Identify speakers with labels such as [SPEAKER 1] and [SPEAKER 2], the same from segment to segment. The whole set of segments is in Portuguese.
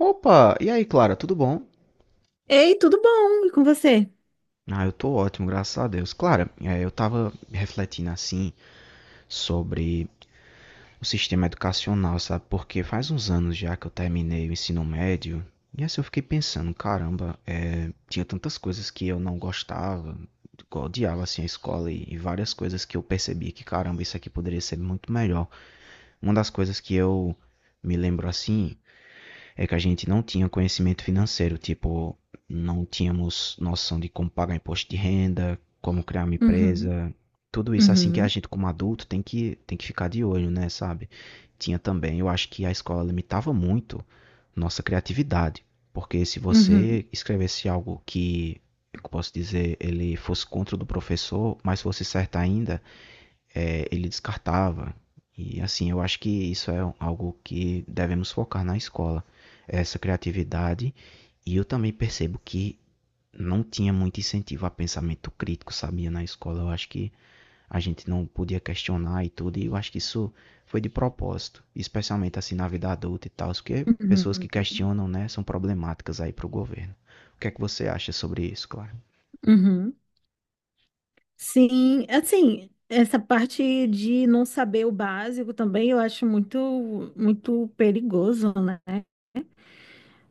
[SPEAKER 1] Opa! E aí, Clara, tudo bom?
[SPEAKER 2] Ei, tudo bom? E com você?
[SPEAKER 1] Ah, eu tô ótimo, graças a Deus. Clara, eu tava refletindo assim sobre o sistema educacional, sabe? Porque faz uns anos já que eu terminei o ensino médio. E assim eu fiquei pensando, caramba, tinha tantas coisas que eu não gostava, que eu odiava assim a escola e várias coisas que eu percebia que, caramba, isso aqui poderia ser muito melhor. Uma das coisas que eu me lembro assim é que a gente não tinha conhecimento financeiro, tipo, não tínhamos noção de como pagar imposto de renda, como criar uma
[SPEAKER 2] Uhum,
[SPEAKER 1] empresa, tudo isso assim que a
[SPEAKER 2] uhum,
[SPEAKER 1] gente como adulto tem que ficar de olho, né, sabe? Tinha também, eu acho que a escola limitava muito nossa criatividade, porque se
[SPEAKER 2] uhum,
[SPEAKER 1] você escrevesse algo que, eu posso dizer, ele fosse contra o do professor, mas fosse certo ainda, ele descartava. E assim, eu acho que isso é algo que devemos focar na escola, essa criatividade. E eu também percebo que não tinha muito incentivo a pensamento crítico, sabia, na escola. Eu acho que a gente não podia questionar e tudo, e eu acho que isso foi de propósito, especialmente assim na vida adulta e tal, porque pessoas que
[SPEAKER 2] uhum,
[SPEAKER 1] questionam, né, são problemáticas aí para o governo. O que é que você acha sobre isso, claro?
[SPEAKER 2] uhum. Sim, assim, essa parte de não saber o básico também eu acho muito, muito perigoso, né?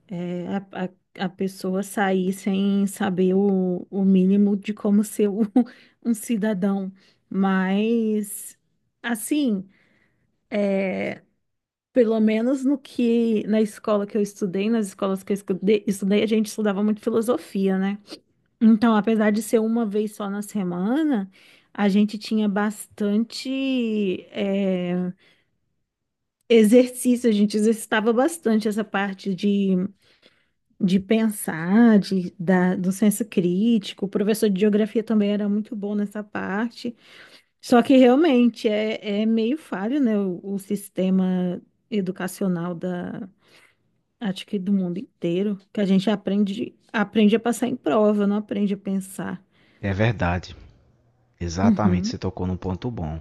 [SPEAKER 2] É, a pessoa sair sem saber o mínimo de como ser um, um cidadão. Mas, assim. é, Pelo menos no que na escola que eu estudei, nas escolas que eu estudei, a gente estudava muito filosofia, né? Então, apesar de ser uma vez só na semana, a gente tinha bastante exercício, a gente exercitava bastante essa parte de pensar, do senso crítico. O professor de geografia também era muito bom nessa parte. Só que realmente é meio falho, né, o sistema educacional da acho que do mundo inteiro, que a gente aprende a passar em prova, não aprende a pensar.
[SPEAKER 1] É verdade. Exatamente, você
[SPEAKER 2] Uhum,
[SPEAKER 1] tocou num ponto bom.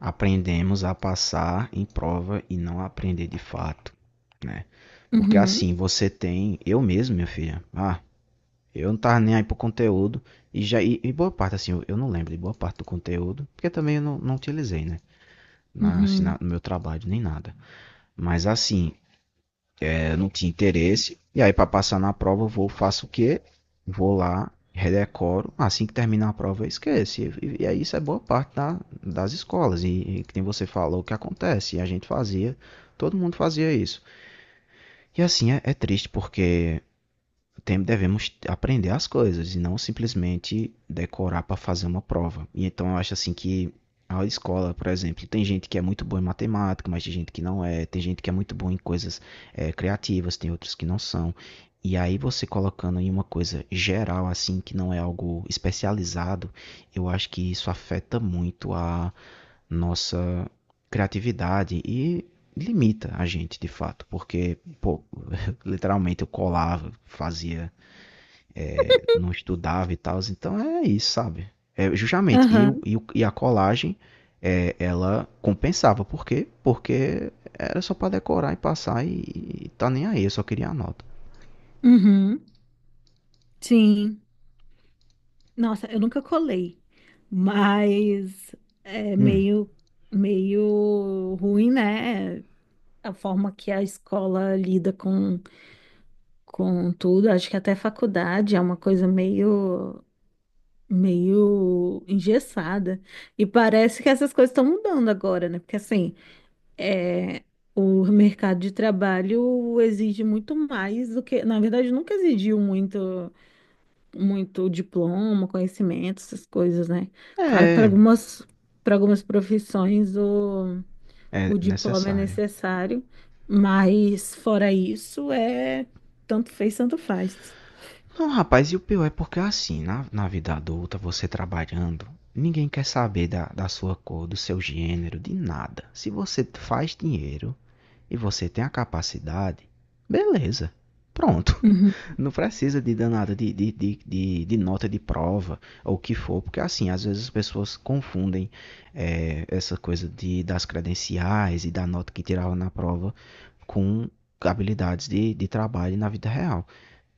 [SPEAKER 1] Aprendemos a passar em prova e não a aprender de fato, né? Porque
[SPEAKER 2] uhum,
[SPEAKER 1] assim, você tem. Eu mesmo, minha filha. Ah, eu não tava nem aí pro conteúdo. E já. E boa parte, assim, eu não lembro de boa parte do conteúdo. Porque também eu não, não utilizei, né? Na, assim, na-
[SPEAKER 2] uhum,
[SPEAKER 1] no meu trabalho, nem nada. Mas assim, eu não tinha interesse. E aí, para passar na prova, eu vou, faço o quê? Vou lá, redecoro. Assim que terminar a prova, eu esqueço. E aí, isso é boa parte da, das escolas. E que nem você falou, que acontece. E a gente fazia, todo mundo fazia isso. E assim, é triste porque tem, devemos aprender as coisas e não simplesmente decorar para fazer uma prova. E então eu acho assim que a escola, por exemplo, tem gente que é muito boa em matemática, mas tem gente que não é, tem gente que é muito boa em coisas criativas, tem outros que não são. E aí você colocando em uma coisa geral, assim, que não é algo especializado, eu acho que isso afeta muito a nossa criatividade e limita a gente, de fato. Porque, pô, literalmente eu colava, fazia não estudava e tal. Então é isso, sabe? É, justamente. E,
[SPEAKER 2] aham,
[SPEAKER 1] e, e a colagem, ela compensava. Por quê? Porque era só pra decorar e passar e tá nem aí. Eu só queria a nota.
[SPEAKER 2] uhum, sim. Nossa, eu nunca colei, mas é
[SPEAKER 1] Hum.
[SPEAKER 2] meio ruim, né? A forma que a escola lida com tudo. Acho que até faculdade é uma coisa meio engessada. E parece que essas coisas estão mudando agora, né? Porque assim. É, o mercado de trabalho exige muito mais do que, na verdade, nunca exigiu muito, muito diploma, conhecimento, essas coisas, né? Claro que para
[SPEAKER 1] É,
[SPEAKER 2] algumas, para algumas profissões o,
[SPEAKER 1] é
[SPEAKER 2] o diploma é
[SPEAKER 1] necessário.
[SPEAKER 2] necessário, mas fora isso é tanto fez, tanto faz.
[SPEAKER 1] Não, rapaz, e o pior é porque assim, na vida adulta, você trabalhando, ninguém quer saber da sua cor, do seu gênero, de nada. Se você faz dinheiro e você tem a capacidade, beleza. Pronto.
[SPEAKER 2] Uhum,
[SPEAKER 1] Não precisa de danada de nota de prova ou o que for, porque assim, às vezes as pessoas confundem essa coisa das credenciais e da nota que tirava na prova com habilidades de trabalho na vida real.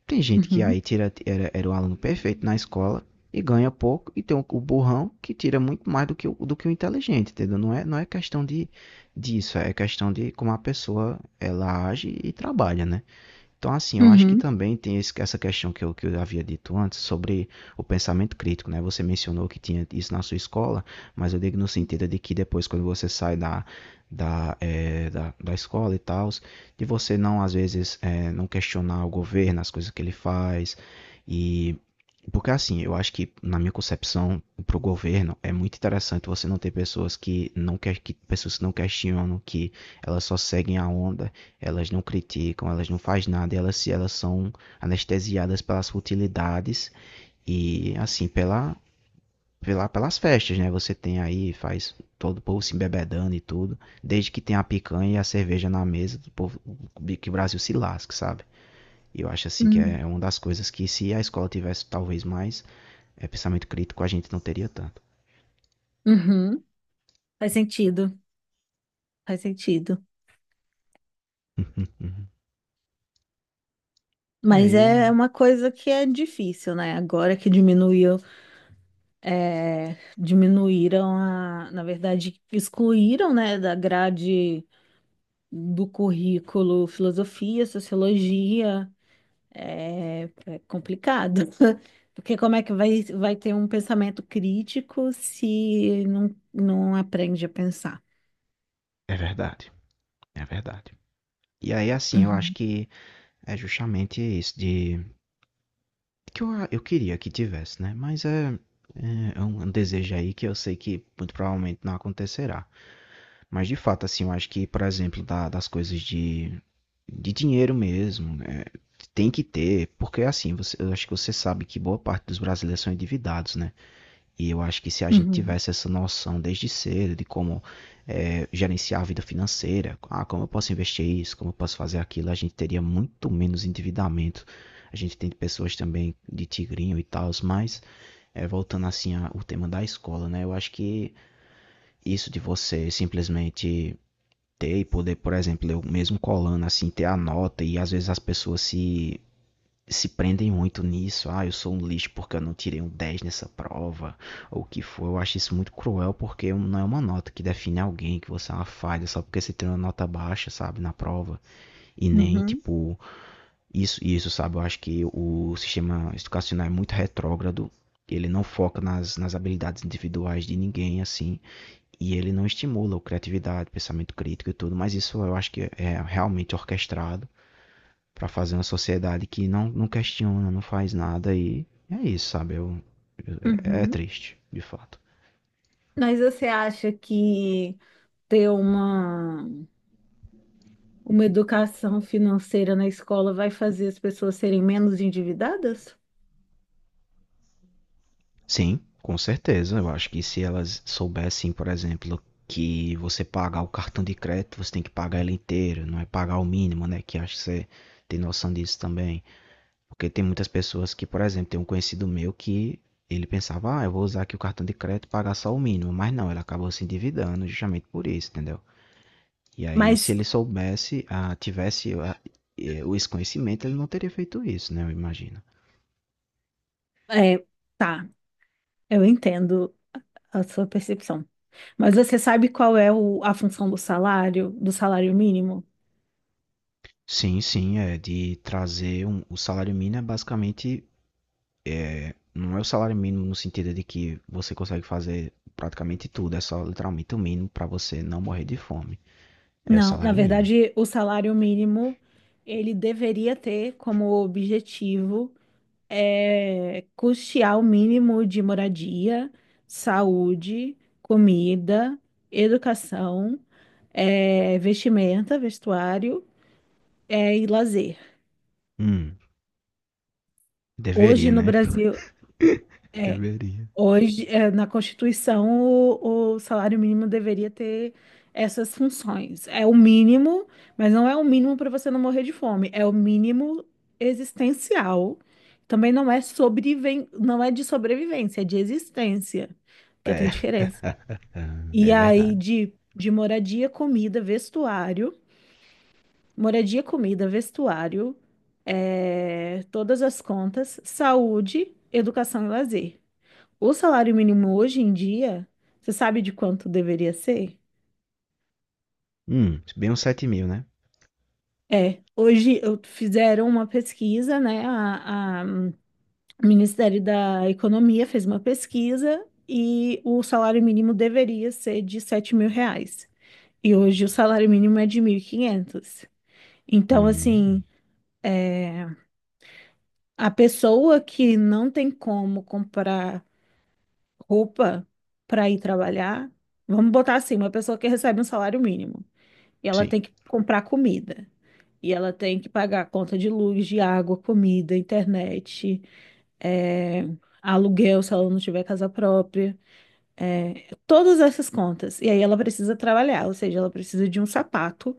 [SPEAKER 1] Tem gente que
[SPEAKER 2] uhum,
[SPEAKER 1] aí tira, era o aluno perfeito na escola e ganha pouco, e tem o burrão que tira muito mais do que do que o inteligente, entendeu? Não é, não é questão disso, é questão de como a pessoa ela age e trabalha, né? Então, assim, eu acho que
[SPEAKER 2] uhum,
[SPEAKER 1] também tem essa questão que eu havia dito antes sobre o pensamento crítico, né? Você mencionou que tinha isso na sua escola, mas eu digo no sentido de que depois, quando você sai da escola e tal, de você não, às vezes, não questionar o governo, as coisas que ele faz. E. Porque, assim, eu acho que, na minha concepção, para o governo, é muito interessante você não ter pessoas que não, pessoas que não questionam, que elas só seguem a onda elas não criticam, elas não fazem nada, elas são anestesiadas pelas futilidades e assim, pelas festas, né? Você tem aí, faz todo o povo se embebedando e tudo. Desde que tem a picanha e a cerveja na mesa, do povo, que o Brasil se lasque, sabe? E eu acho assim que
[SPEAKER 2] uhum,
[SPEAKER 1] é uma das coisas que se a escola tivesse talvez mais pensamento crítico, a gente não teria tanto.
[SPEAKER 2] uhum. Faz sentido, faz sentido.
[SPEAKER 1] é,
[SPEAKER 2] Mas
[SPEAKER 1] e é,
[SPEAKER 2] é uma coisa que é difícil, né? Agora que diminuiu diminuíram na verdade, excluíram, né, da grade do currículo filosofia, sociologia. É complicado, porque como é que vai ter um pensamento crítico se não aprende a pensar?
[SPEAKER 1] é verdade, é verdade. E aí assim, eu acho
[SPEAKER 2] Uhum,
[SPEAKER 1] que é justamente isso de que eu queria que tivesse, né? Mas é um desejo aí que eu sei que muito provavelmente não acontecerá. Mas de fato, assim, eu acho que, por exemplo, das coisas de dinheiro mesmo, né? Tem que ter, porque assim, você, eu acho que você sabe que boa parte dos brasileiros são endividados, né? E eu acho que se a gente
[SPEAKER 2] uhum,
[SPEAKER 1] tivesse essa noção desde cedo de como gerenciar a vida financeira, ah, como eu posso investir isso, como eu posso fazer aquilo, a gente teria muito menos endividamento. A gente tem pessoas também de tigrinho e tal, mas voltando assim ao tema da escola, né? Eu acho que isso de você simplesmente ter e poder, por exemplo, eu mesmo colando assim, ter a nota e às vezes as pessoas se prendem muito nisso. Ah, eu sou um lixo porque eu não tirei um 10 nessa prova, ou o que for. Eu acho isso muito cruel porque não é uma nota que define alguém, que você é uma falha só porque você tem uma nota baixa, sabe, na prova. E nem,
[SPEAKER 2] uhum,
[SPEAKER 1] tipo, isso, sabe? Eu acho que o sistema educacional é muito retrógrado. Ele não foca nas habilidades individuais de ninguém, assim. E ele não estimula a criatividade, pensamento crítico e tudo. Mas isso eu acho que é realmente orquestrado para fazer uma sociedade que não, não questiona, não faz nada e é isso, sabe? É
[SPEAKER 2] uhum.
[SPEAKER 1] triste, de fato.
[SPEAKER 2] Mas você acha que ter uma educação financeira na escola vai fazer as pessoas serem menos endividadas?
[SPEAKER 1] Sim, com certeza. Eu acho que se elas soubessem, por exemplo, que você pagar o cartão de crédito, você tem que pagar ele inteiro, não é pagar o mínimo, né? Que acho que você tem noção disso também. Porque tem muitas pessoas que, por exemplo, tem um conhecido meu que ele pensava, ah, eu vou usar aqui o cartão de crédito e pagar só o mínimo. Mas não, ele acabou se endividando justamente por isso, entendeu? E aí, se
[SPEAKER 2] Mas
[SPEAKER 1] ele soubesse, tivesse o desconhecimento, ele não teria feito isso, né? Eu imagino.
[SPEAKER 2] é, tá, eu entendo a sua percepção. Mas você sabe qual é a função do salário mínimo?
[SPEAKER 1] Sim, sim, é de trazer um, o salário mínimo é basicamente não é o salário mínimo no sentido de que você consegue fazer praticamente tudo, é só literalmente o mínimo para você não morrer de fome. É o
[SPEAKER 2] Não, na
[SPEAKER 1] salário mínimo.
[SPEAKER 2] verdade, o salário mínimo ele deveria ter como objetivo custear o mínimo de moradia, saúde, comida, educação, vestimenta, vestuário, e lazer.
[SPEAKER 1] Hum,
[SPEAKER 2] Hoje
[SPEAKER 1] deveria,
[SPEAKER 2] no
[SPEAKER 1] né?
[SPEAKER 2] Brasil, é,
[SPEAKER 1] Deveria.
[SPEAKER 2] hoje, na Constituição, o salário mínimo deveria ter essas funções. É o mínimo, mas não é o mínimo para você não morrer de fome, é o mínimo existencial. Também não é não é de sobrevivência, é de existência, porque tem
[SPEAKER 1] É.
[SPEAKER 2] diferença. E
[SPEAKER 1] É
[SPEAKER 2] aí,
[SPEAKER 1] verdade.
[SPEAKER 2] de moradia, comida, vestuário, todas as contas, saúde, educação e lazer. O salário mínimo hoje em dia, você sabe de quanto deveria ser?
[SPEAKER 1] Bem uns 7.000, né?
[SPEAKER 2] É, hoje fizeram uma pesquisa, né? O Ministério da Economia fez uma pesquisa e o salário mínimo deveria ser de R$ 7.000. E hoje o salário mínimo é de 1.500. Então, assim,
[SPEAKER 1] Hum,
[SPEAKER 2] é, a pessoa que não tem como comprar roupa para ir trabalhar, vamos botar assim, uma pessoa que recebe um salário mínimo. E ela
[SPEAKER 1] sim.
[SPEAKER 2] tem que comprar comida. E ela tem que pagar a conta de luz, de água, comida, internet, é, aluguel, se ela não tiver casa própria. Todas essas contas. E aí ela precisa trabalhar, ou seja, ela precisa de um sapato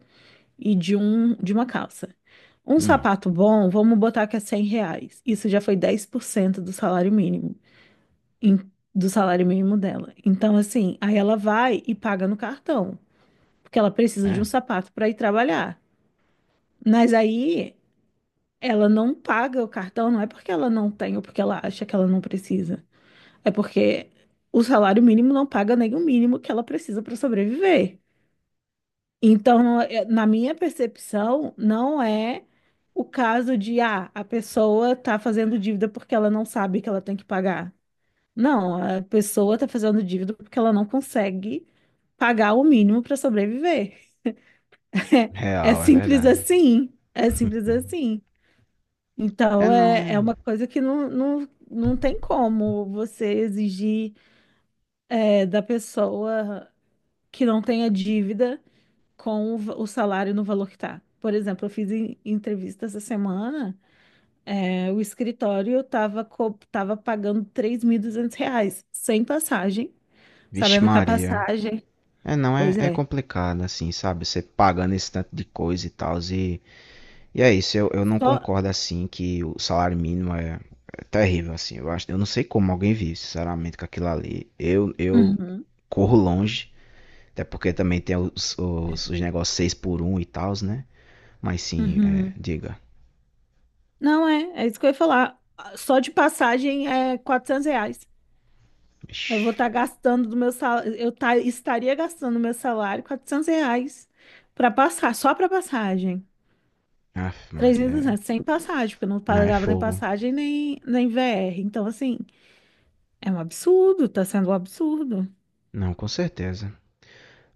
[SPEAKER 2] e de uma calça. Um
[SPEAKER 1] Hum,
[SPEAKER 2] sapato bom, vamos botar que é R$ 100. Isso já foi 10% do salário mínimo, em- do salário mínimo dela. Então, assim, aí ela vai e paga no cartão, porque ela precisa de um
[SPEAKER 1] é.
[SPEAKER 2] sapato para ir trabalhar. Mas aí, ela não paga o cartão, não é porque ela não tem ou porque ela acha que ela não precisa. É porque o salário mínimo não paga nem o mínimo que ela precisa para sobreviver. Então, na minha percepção, não é o caso de, ah, a pessoa tá fazendo dívida porque ela não sabe que ela tem que pagar. Não, a pessoa tá fazendo dívida porque ela não consegue pagar o mínimo para sobreviver. É
[SPEAKER 1] Real, é
[SPEAKER 2] simples
[SPEAKER 1] verdade.
[SPEAKER 2] assim. É simples assim.
[SPEAKER 1] É
[SPEAKER 2] Então,
[SPEAKER 1] não,
[SPEAKER 2] é
[SPEAKER 1] é.
[SPEAKER 2] uma coisa que não tem como você exigir da pessoa que não tenha dívida com o salário no valor que tá. Por exemplo, eu fiz entrevista essa semana, o escritório estava co tava pagando R$ 3.200, sem passagem,
[SPEAKER 1] Vixe
[SPEAKER 2] sabendo que a
[SPEAKER 1] Maria.
[SPEAKER 2] passagem,
[SPEAKER 1] É não,
[SPEAKER 2] pois
[SPEAKER 1] é
[SPEAKER 2] é,
[SPEAKER 1] complicado, assim, sabe? Você pagando esse tanto de coisa e tal. E é isso, eu não
[SPEAKER 2] só...
[SPEAKER 1] concordo assim que o salário mínimo é terrível, assim. Eu acho, eu não sei como alguém vive, sinceramente, com aquilo ali. Eu
[SPEAKER 2] Uhum,
[SPEAKER 1] corro longe, até porque também tem os negócios 6 por um e tal, né? Mas sim,
[SPEAKER 2] uhum.
[SPEAKER 1] diga.
[SPEAKER 2] Não é, é isso que eu ia falar. Só de passagem é R$ 400. Eu vou
[SPEAKER 1] Ixi,
[SPEAKER 2] estar gastando do meu salário, eu estaria gastando do meu salário R$ 400 para passar, só para passagem.
[SPEAKER 1] Aff,
[SPEAKER 2] Três mil
[SPEAKER 1] Maria,
[SPEAKER 2] e
[SPEAKER 1] é.
[SPEAKER 2] duzentos sem passagem, porque eu não
[SPEAKER 1] Não, é
[SPEAKER 2] pagava nem
[SPEAKER 1] fogo.
[SPEAKER 2] passagem nem VR. Então, assim, é um absurdo, tá sendo um absurdo.
[SPEAKER 1] Não, com certeza.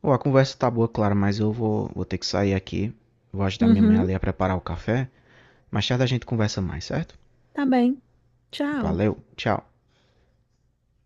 [SPEAKER 1] Ô, a conversa tá boa, claro, mas eu vou ter que sair aqui. Vou ajudar minha mãe
[SPEAKER 2] Uhum,
[SPEAKER 1] ali a preparar o café. Mais tarde a gente conversa mais, certo?
[SPEAKER 2] tá bem. Tchau.
[SPEAKER 1] Valeu, tchau.